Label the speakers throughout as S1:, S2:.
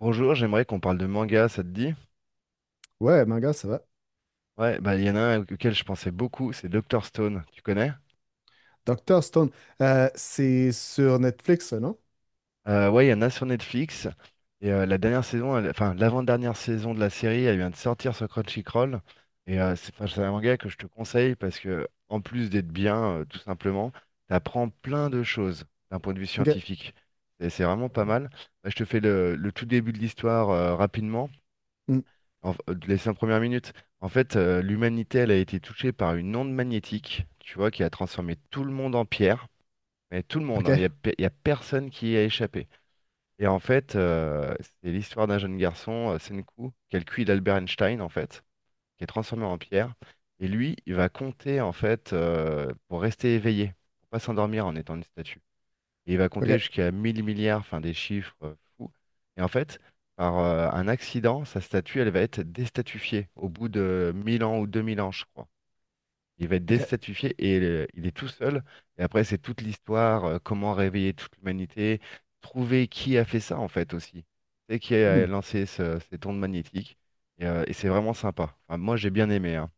S1: Bonjour, j'aimerais qu'on parle de manga, ça te dit?
S2: Ouais, manga, ça va.
S1: Ouais, bah il y en a un auquel je pensais beaucoup, c'est Doctor Stone, tu connais?
S2: Doctor Stone, c'est sur Netflix, non?
S1: Ouais, il y en a sur Netflix. Et la dernière saison, enfin l'avant-dernière saison de la série, elle vient de sortir sur Crunchyroll. Et c'est enfin, c'est un manga que je te conseille parce que en plus d'être bien, tout simplement, t'apprends plein de choses d'un point de vue
S2: Ok.
S1: scientifique. Et c'est vraiment pas mal. Bah, je te fais le tout début de l'histoire rapidement.
S2: Hmm.
S1: En Les cinq premières minutes, en fait, l'humanité, elle a été touchée par une onde magnétique, tu vois, qui a transformé tout le monde en pierre. Mais tout le monde, hein,
S2: Ok.
S1: il y a personne qui y a échappé. Et en fait, c'est l'histoire d'un jeune garçon, Senku, qui est le QI d'Albert Einstein, en fait, qui est transformé en pierre. Et lui, il va compter, en fait, pour rester éveillé, pour pas s'endormir en étant une statue. Et il va compter
S2: Ok.
S1: jusqu'à 1000 milliards, enfin des chiffres fous. Et en fait, par un accident, sa statue, elle va être déstatifiée au bout de 1000 ans ou 2000 ans, je crois. Il va être
S2: Ok.
S1: déstatifié et il est tout seul. Et après, c'est toute l'histoire, comment réveiller toute l'humanité, trouver qui a fait ça, en fait, aussi. C'est qui
S2: Hmm.
S1: a lancé ces ondes magnétiques. Et c'est vraiment sympa. Enfin, moi, j'ai bien aimé, hein.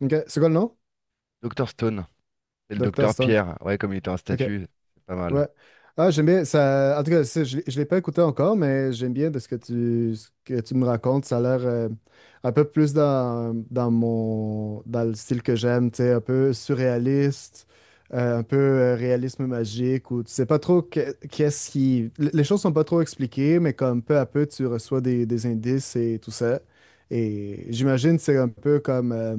S2: Ok. C'est quoi le nom?
S1: Dr Stone. C'est le
S2: Dr.
S1: docteur
S2: Stone.
S1: Pierre. Ouais, comme il était en
S2: Ok.
S1: statut, c'est pas mal.
S2: Ouais. Ah, j'aime bien ça. En tout cas, ça, je l'ai pas écouté encore, mais j'aime bien de ce que ce que tu me racontes. Ça a l'air un peu plus dans le style que j'aime, tu sais, un peu surréaliste, un peu réalisme magique, où tu sais pas trop qu'est-ce qui. Les choses sont pas trop expliquées, mais comme peu à peu, tu reçois des indices et tout ça. Et j'imagine que c'est un peu comme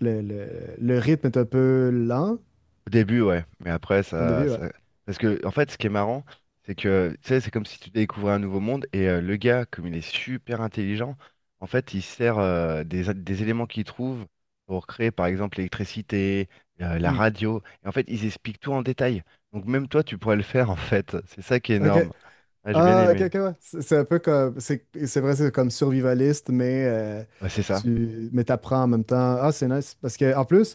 S2: le, le, le rythme est un peu lent
S1: Au début, ouais, mais après,
S2: au
S1: ça,
S2: début, ouais.
S1: ça... Parce que, en fait, ce qui est marrant, c'est que, tu sais, c'est comme si tu découvrais un nouveau monde, et le gars, comme il est super intelligent, en fait, il sert des éléments qu'il trouve pour créer, par exemple, l'électricité, la
S2: Hmm.
S1: radio, et en fait, ils expliquent tout en détail. Donc, même toi, tu pourrais le faire, en fait. C'est ça qui est
S2: OK.
S1: énorme. Ah, j'ai bien
S2: Ah, ok,
S1: aimé.
S2: ok, ouais. C'est un peu comme. C'est vrai, c'est comme survivaliste, mais
S1: Ouais, c'est ça.
S2: tu mais t'apprends en même temps. Ah, c'est nice. Parce que en plus,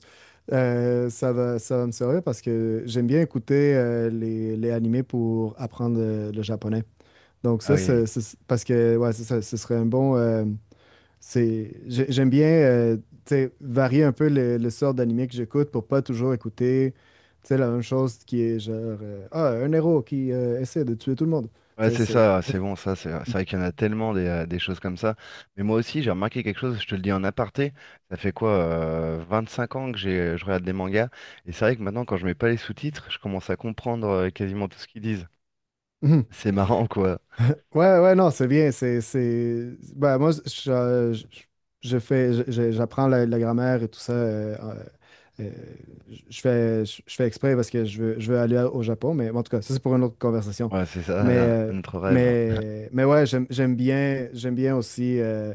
S2: ça va me servir parce que j'aime bien écouter les animés pour apprendre le japonais. Donc,
S1: Ah
S2: ça,
S1: oui. Oui, oui.
S2: parce que, ouais, c'est ça, ce serait un bon. J'aime bien, tu sais, varier un peu le sort d'animé que j'écoute pour pas toujours écouter, tu sais, la même chose qui est genre, ah, un héros qui essaie de tuer tout le monde.
S1: Ouais,
S2: Tu sais,
S1: c'est
S2: c'est
S1: ça, c'est bon, ça, c'est vrai qu'il y en a tellement des choses comme ça. Mais moi aussi, j'ai remarqué quelque chose, je te le dis en aparté, ça fait quoi, 5 ans que je regarde des mangas, et c'est vrai que maintenant, quand je mets pas les sous-titres, je commence à comprendre quasiment tout ce qu'ils disent.
S2: Mhm.
S1: C'est marrant, quoi.
S2: Ouais, ouais, non, c'est bien. C'est, Ben, moi, je fais, j'apprends la grammaire et tout ça. Euh, je fais exprès parce que je veux aller au Japon, mais bon, en tout cas, ça, c'est pour une autre conversation.
S1: Ouais, c'est
S2: Mais,
S1: ça, notre rêve.
S2: mais ouais, j'aime bien aussi,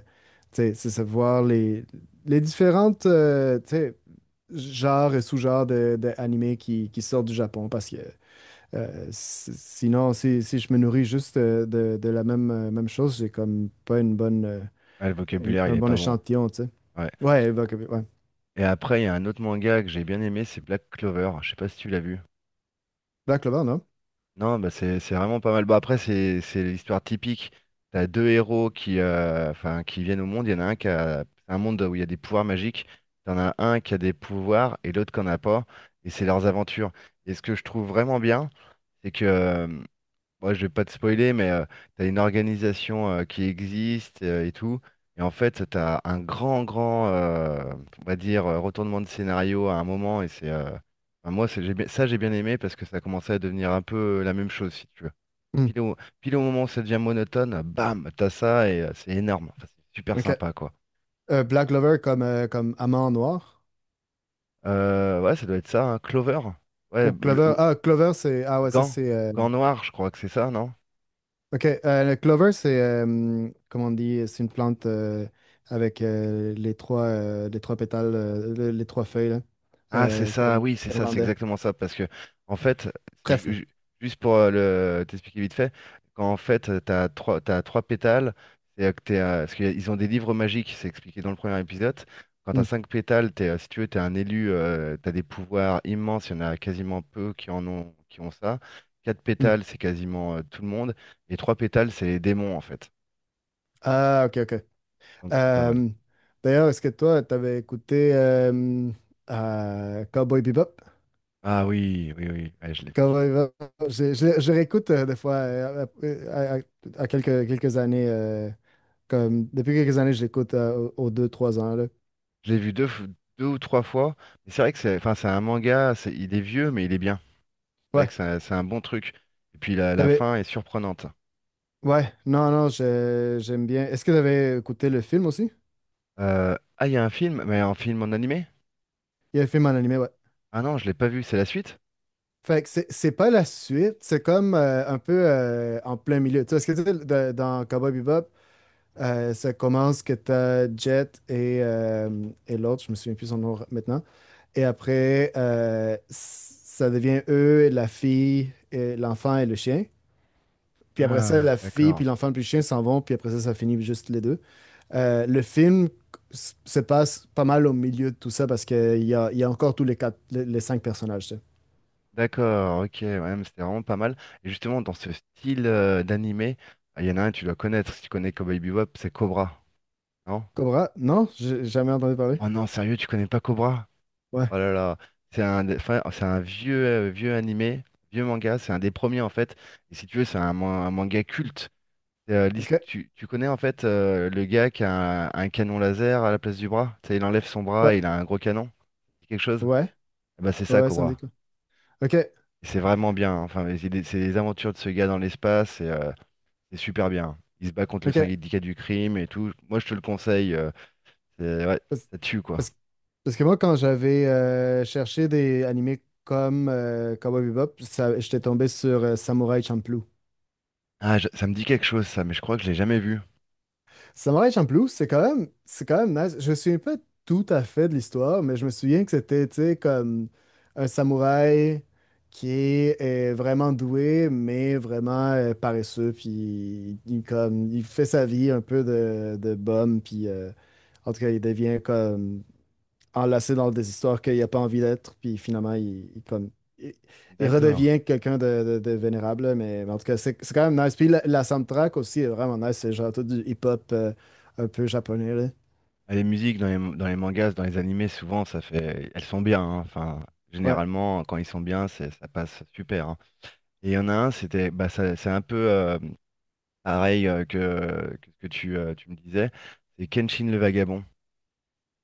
S2: tu sais, c'est savoir les différentes, tu sais, genres et sous-genres de animés qui sortent du Japon parce que. Sinon, si je me nourris juste de même chose, j'ai comme pas
S1: Ouais, le vocabulaire, il
S2: un
S1: est
S2: bon
S1: pas bon.
S2: échantillon, tu sais.
S1: Ouais.
S2: Ouais.
S1: Et après, il y a un autre manga que j'ai bien aimé, c'est Black Clover, je sais pas si tu l'as vu.
S2: Black Clover, non?
S1: Non, bah c'est vraiment pas mal. Bon, après, c'est l'histoire typique. T'as deux héros qui, enfin, qui viennent au monde. Il y en a un qui a c'est un monde où il y a des pouvoirs magiques. T'en as un qui a des pouvoirs et l'autre qui en a pas. Et c'est leurs aventures. Et ce que je trouve vraiment bien, c'est que moi, je vais pas te spoiler, mais tu as une organisation qui existe et tout. Et en fait, t'as un grand, grand, on va dire, retournement de scénario à un moment. Et c'est, enfin, moi, ça, j'ai bien aimé parce que ça commençait à devenir un peu la même chose, si tu veux.
S2: Hmm.
S1: Pile au moment où ça devient monotone, bam, t'as ça et c'est énorme. Enfin, c'est super
S2: OK.
S1: sympa, quoi.
S2: Black Clover comme, comme amande noir.
S1: Ouais, ça doit être ça, hein. Clover. Ouais,
S2: Ou Clover? Ah, Clover, Ah ouais, ça,
S1: Gant. Gant noir, je crois que c'est ça, non?
S2: OK. Le Clover, comment on dit? C'est une plante avec les trois pétales, les trois feuilles, là.
S1: Ah, c'est ça,
S2: Comme
S1: oui, c'est ça, c'est
S2: irlandais.
S1: exactement ça. Parce que, en fait, ju-
S2: Trèfle.
S1: ju- juste pour le t'expliquer vite fait, quand en fait, t'as trois pétales, c'est que t'es, parce qu'ils ont des livres magiques, c'est expliqué dans le premier épisode. Quand t'as
S2: Hmm,
S1: cinq pétales, t'es, si tu veux, t'es un élu, t'as des pouvoirs immenses, il y en a quasiment peu qui en ont, qui ont ça. Quatre
S2: hmm.
S1: pétales, c'est quasiment tout le monde. Et trois pétales, c'est les démons, en fait.
S2: Ah, OK, OK.
S1: Donc, c'est pas mal.
S2: Euh, D'ailleurs, est-ce que toi, t'avais écouté Cowboy Bebop?
S1: Ah oui, oui, oui, ouais, je l'ai vu.
S2: Cowboy Bebop, je réécoute des fois, à, à- à quelques années, comme, depuis quelques années, je l'écoute aux deux, trois ans, là.
S1: Je l'ai vu deux ou trois fois. Mais c'est vrai que c'est, enfin, c'est un manga, il est vieux, mais il est bien. C'est vrai que
S2: Ouais,
S1: c'est un bon truc. Et puis la
S2: t'avais,
S1: fin est surprenante.
S2: ouais, non, non, j'aime bien. Est-ce que t'avais écouté le film aussi?
S1: Ah, il y a un film, mais un film en animé?
S2: Il y a un film en animé, ouais.
S1: Ah non, je l'ai pas vu, c'est la suite?
S2: Fait que c'est pas la suite, c'est comme un peu en plein milieu. Tu sais, est-ce que tu sais, de- dans Cowboy Bebop, ça commence que t'as Jet et l'autre, je me souviens plus son nom maintenant. Et après, ça devient eux, la fille, et l'enfant et le chien. Puis après ça,
S1: Ah,
S2: la fille,
S1: d'accord.
S2: puis l'enfant, puis le chien s'en vont. Puis après ça, ça finit juste les deux. Le film se passe pas mal au milieu de tout ça parce qu'il y a encore tous les quatre, les cinq personnages, tu sais.
S1: D'accord, ok, ouais, mais c'était vraiment pas mal. Et justement, dans ce style d'animé, ah, il y en a un, tu dois connaître, si tu connais Cowboy Bebop, c'est Cobra, non?
S2: Cobra? Non? J'ai jamais entendu parler.
S1: Oh non, sérieux, tu connais pas Cobra?
S2: Ouais.
S1: Oh là là, c'est enfin, c'est un vieux, vieux animé, vieux manga, c'est un des premiers en fait. Et si tu veux, c'est un manga culte.
S2: OK.
S1: Tu connais en fait le gars qui a un canon laser à la place du bras? Tu sais, il enlève son bras
S2: Ouais.
S1: et il a un gros canon. C'est quelque chose?
S2: Ouais.
S1: Eh ben, c'est
S2: Ouais,
S1: ça,
S2: ouais, ça me dit
S1: Cobra.
S2: quoi. OK.
S1: Et c'est vraiment bien, hein. Enfin, mais c'est les aventures de ce gars dans l'espace et c'est super bien. Il se bat contre le
S2: OK.
S1: syndicat du crime et tout. Moi, je te le conseille. Ouais,
S2: Parce,
S1: ça tue quoi.
S2: parce- Parce que moi, quand j'avais cherché des animés comme Cowboy Bebop, j'étais tombé sur Samurai Champloo.
S1: Ah, ça me dit quelque chose ça, mais je crois que je l'ai jamais vu.
S2: Samurai Champloo, c'est quand même nice. Je me souviens pas tout à fait de l'histoire, mais je me souviens que c'était, tu sais, comme un samouraï est vraiment doué, mais vraiment paresseux, puis comme, il fait sa vie un peu de bum, puis en tout cas, il devient comme enlacé dans des histoires qu'il n'a pas envie d'être, puis finalement, il, il
S1: D'accord.
S2: redevient quelqu'un de vénérable, là, mais en tout cas, c'est quand même nice. Puis la soundtrack aussi est vraiment nice, c'est genre tout du hip-hop un peu japonais, là.
S1: Ah, les musiques dans les mangas, dans les animés, souvent, ça fait, elles sont bien, hein. Enfin,
S2: Ouais,
S1: généralement, quand ils sont bien, ça passe super, hein. Et il y en a un, c'était, bah, c'est un peu pareil que ce que tu me disais. C'est Kenshin le Vagabond.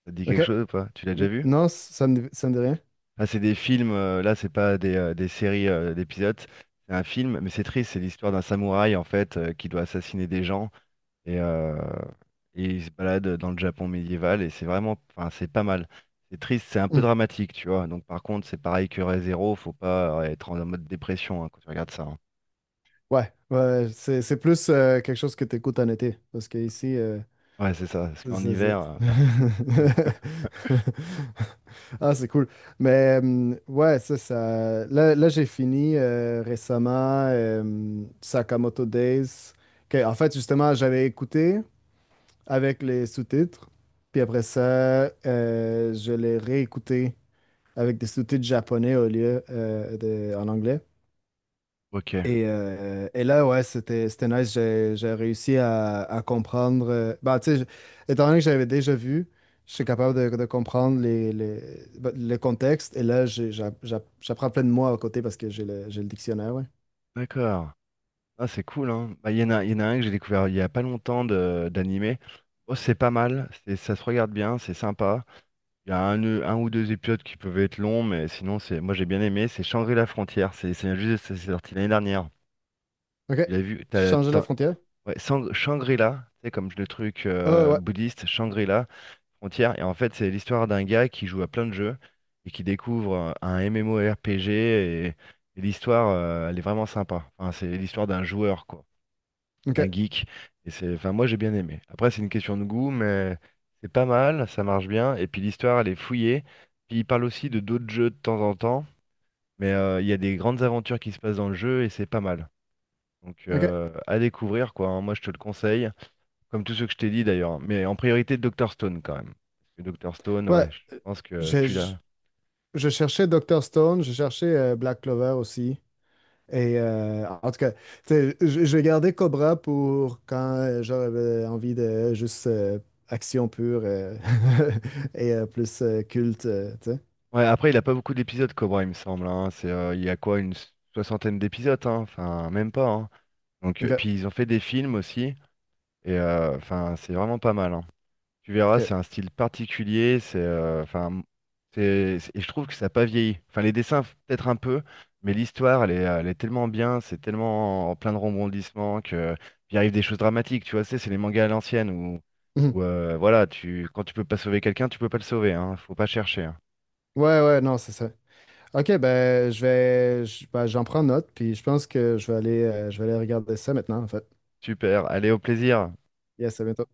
S1: Ça te dit
S2: ok.
S1: quelque chose ou pas? Tu l'as déjà vu?
S2: Non, ça me dit rien?
S1: Ah, c'est des films. Là, c'est pas des séries d'épisodes. C'est un film, mais c'est triste. C'est l'histoire d'un samouraï en fait qui doit assassiner des gens. Et, euh, et il se balade dans le Japon médiéval et c'est vraiment, enfin, c'est pas mal. C'est triste, c'est un peu
S2: Hmm.
S1: dramatique, tu vois. Donc par contre, c'est pareil que Re:Zero, Zero, faut pas être en mode dépression hein, quand tu regardes ça, hein.
S2: Ouais, ouais, c'est plus quelque chose que tu écoutes en été, parce que ici,
S1: Ouais, c'est ça, parce qu'en
S2: C'est- c'est-
S1: hiver,
S2: Ah, c'est cool. Mais ouais, ça. Là, j'ai fini récemment Sakamoto Days. Que, en fait, justement, j'avais écouté avec les sous-titres. Puis après ça, je l'ai réécouté avec des sous-titres japonais au lieu en anglais.
S1: ok,
S2: Et là, ouais, c'était nice. J'ai réussi à comprendre. Bah, tu sais, étant donné que j'avais déjà vu, je suis capable de comprendre bah, le contexte. Et là, j'apprends plein de mots à côté parce que j'ai le dictionnaire, ouais.
S1: d'accord. Ah, c'est cool, hein. Bah, il y en a un que j'ai découvert il y a pas longtemps d'animé. Oh, c'est pas mal, c'est, ça se regarde bien, c'est sympa. Il y a un ou deux épisodes qui peuvent être longs, mais sinon, c'est, moi j'ai bien aimé. C'est Shangri-La Frontière, c'est juste, c'est sorti l'année dernière.
S2: OK.
S1: Tu l'as vu,
S2: Changer la frontière.
S1: Ouais, Shangri-La, c'est comme le truc
S2: Ah, ouais.
S1: bouddhiste, Shangri-La, frontière. Et en fait, c'est l'histoire d'un gars qui joue à plein de jeux et qui découvre un MMORPG. Et l'histoire, elle est vraiment sympa. Enfin, c'est l'histoire d'un joueur, quoi,
S2: OK.
S1: d'un geek. Et c'est, enfin, moi, j'ai bien aimé. Après, c'est une question de goût, mais c'est pas mal, ça marche bien. Et puis, l'histoire, elle est fouillée. Puis, il parle aussi de d'autres jeux de temps en temps. Mais il y a des grandes aventures qui se passent dans le jeu et c'est pas mal. Donc,
S2: OK.
S1: à découvrir, quoi, hein. Moi, je te le conseille. Comme tous ceux que je t'ai dit d'ailleurs, hein, mais en priorité Dr Stone quand même. Parce que Dr Stone,
S2: Ouais.
S1: ouais, je
S2: euh,
S1: pense que
S2: j'ai- Je,
S1: celui-là.
S2: je cherchais Dr. Stone, je cherchais Black Clover aussi. Et en tout cas, tu sais, je vais garder Cobra pour quand j'aurais envie de juste action pure et plus culte, tu sais.
S1: Ouais, après il a pas beaucoup d'épisodes Cobra, il me semble, hein. C'est, il y a quoi, une soixantaine d'épisodes, hein. Enfin, même pas, hein. Donc,
S2: OK,
S1: puis ils ont fait des films aussi, et enfin, c'est vraiment pas mal, hein. Tu verras,
S2: OK.
S1: c'est un style particulier, c'est enfin et je trouve que ça n'a pas vieilli. Enfin les dessins peut-être un peu, mais l'histoire elle est tellement bien, c'est tellement en plein de rebondissements que il arrive des choses dramatiques, tu vois, c'est les mangas à l'ancienne où,
S2: Mhm.
S1: voilà, tu quand tu peux pas sauver quelqu'un, tu peux pas le sauver hein, faut pas chercher, hein.
S2: Ouais, ouais, non, c'est ça. OK, ben, ben, j'en prends note, puis je pense que je vais aller, regarder ça maintenant, en fait.
S1: Super, allez au plaisir.
S2: Yes, à bientôt.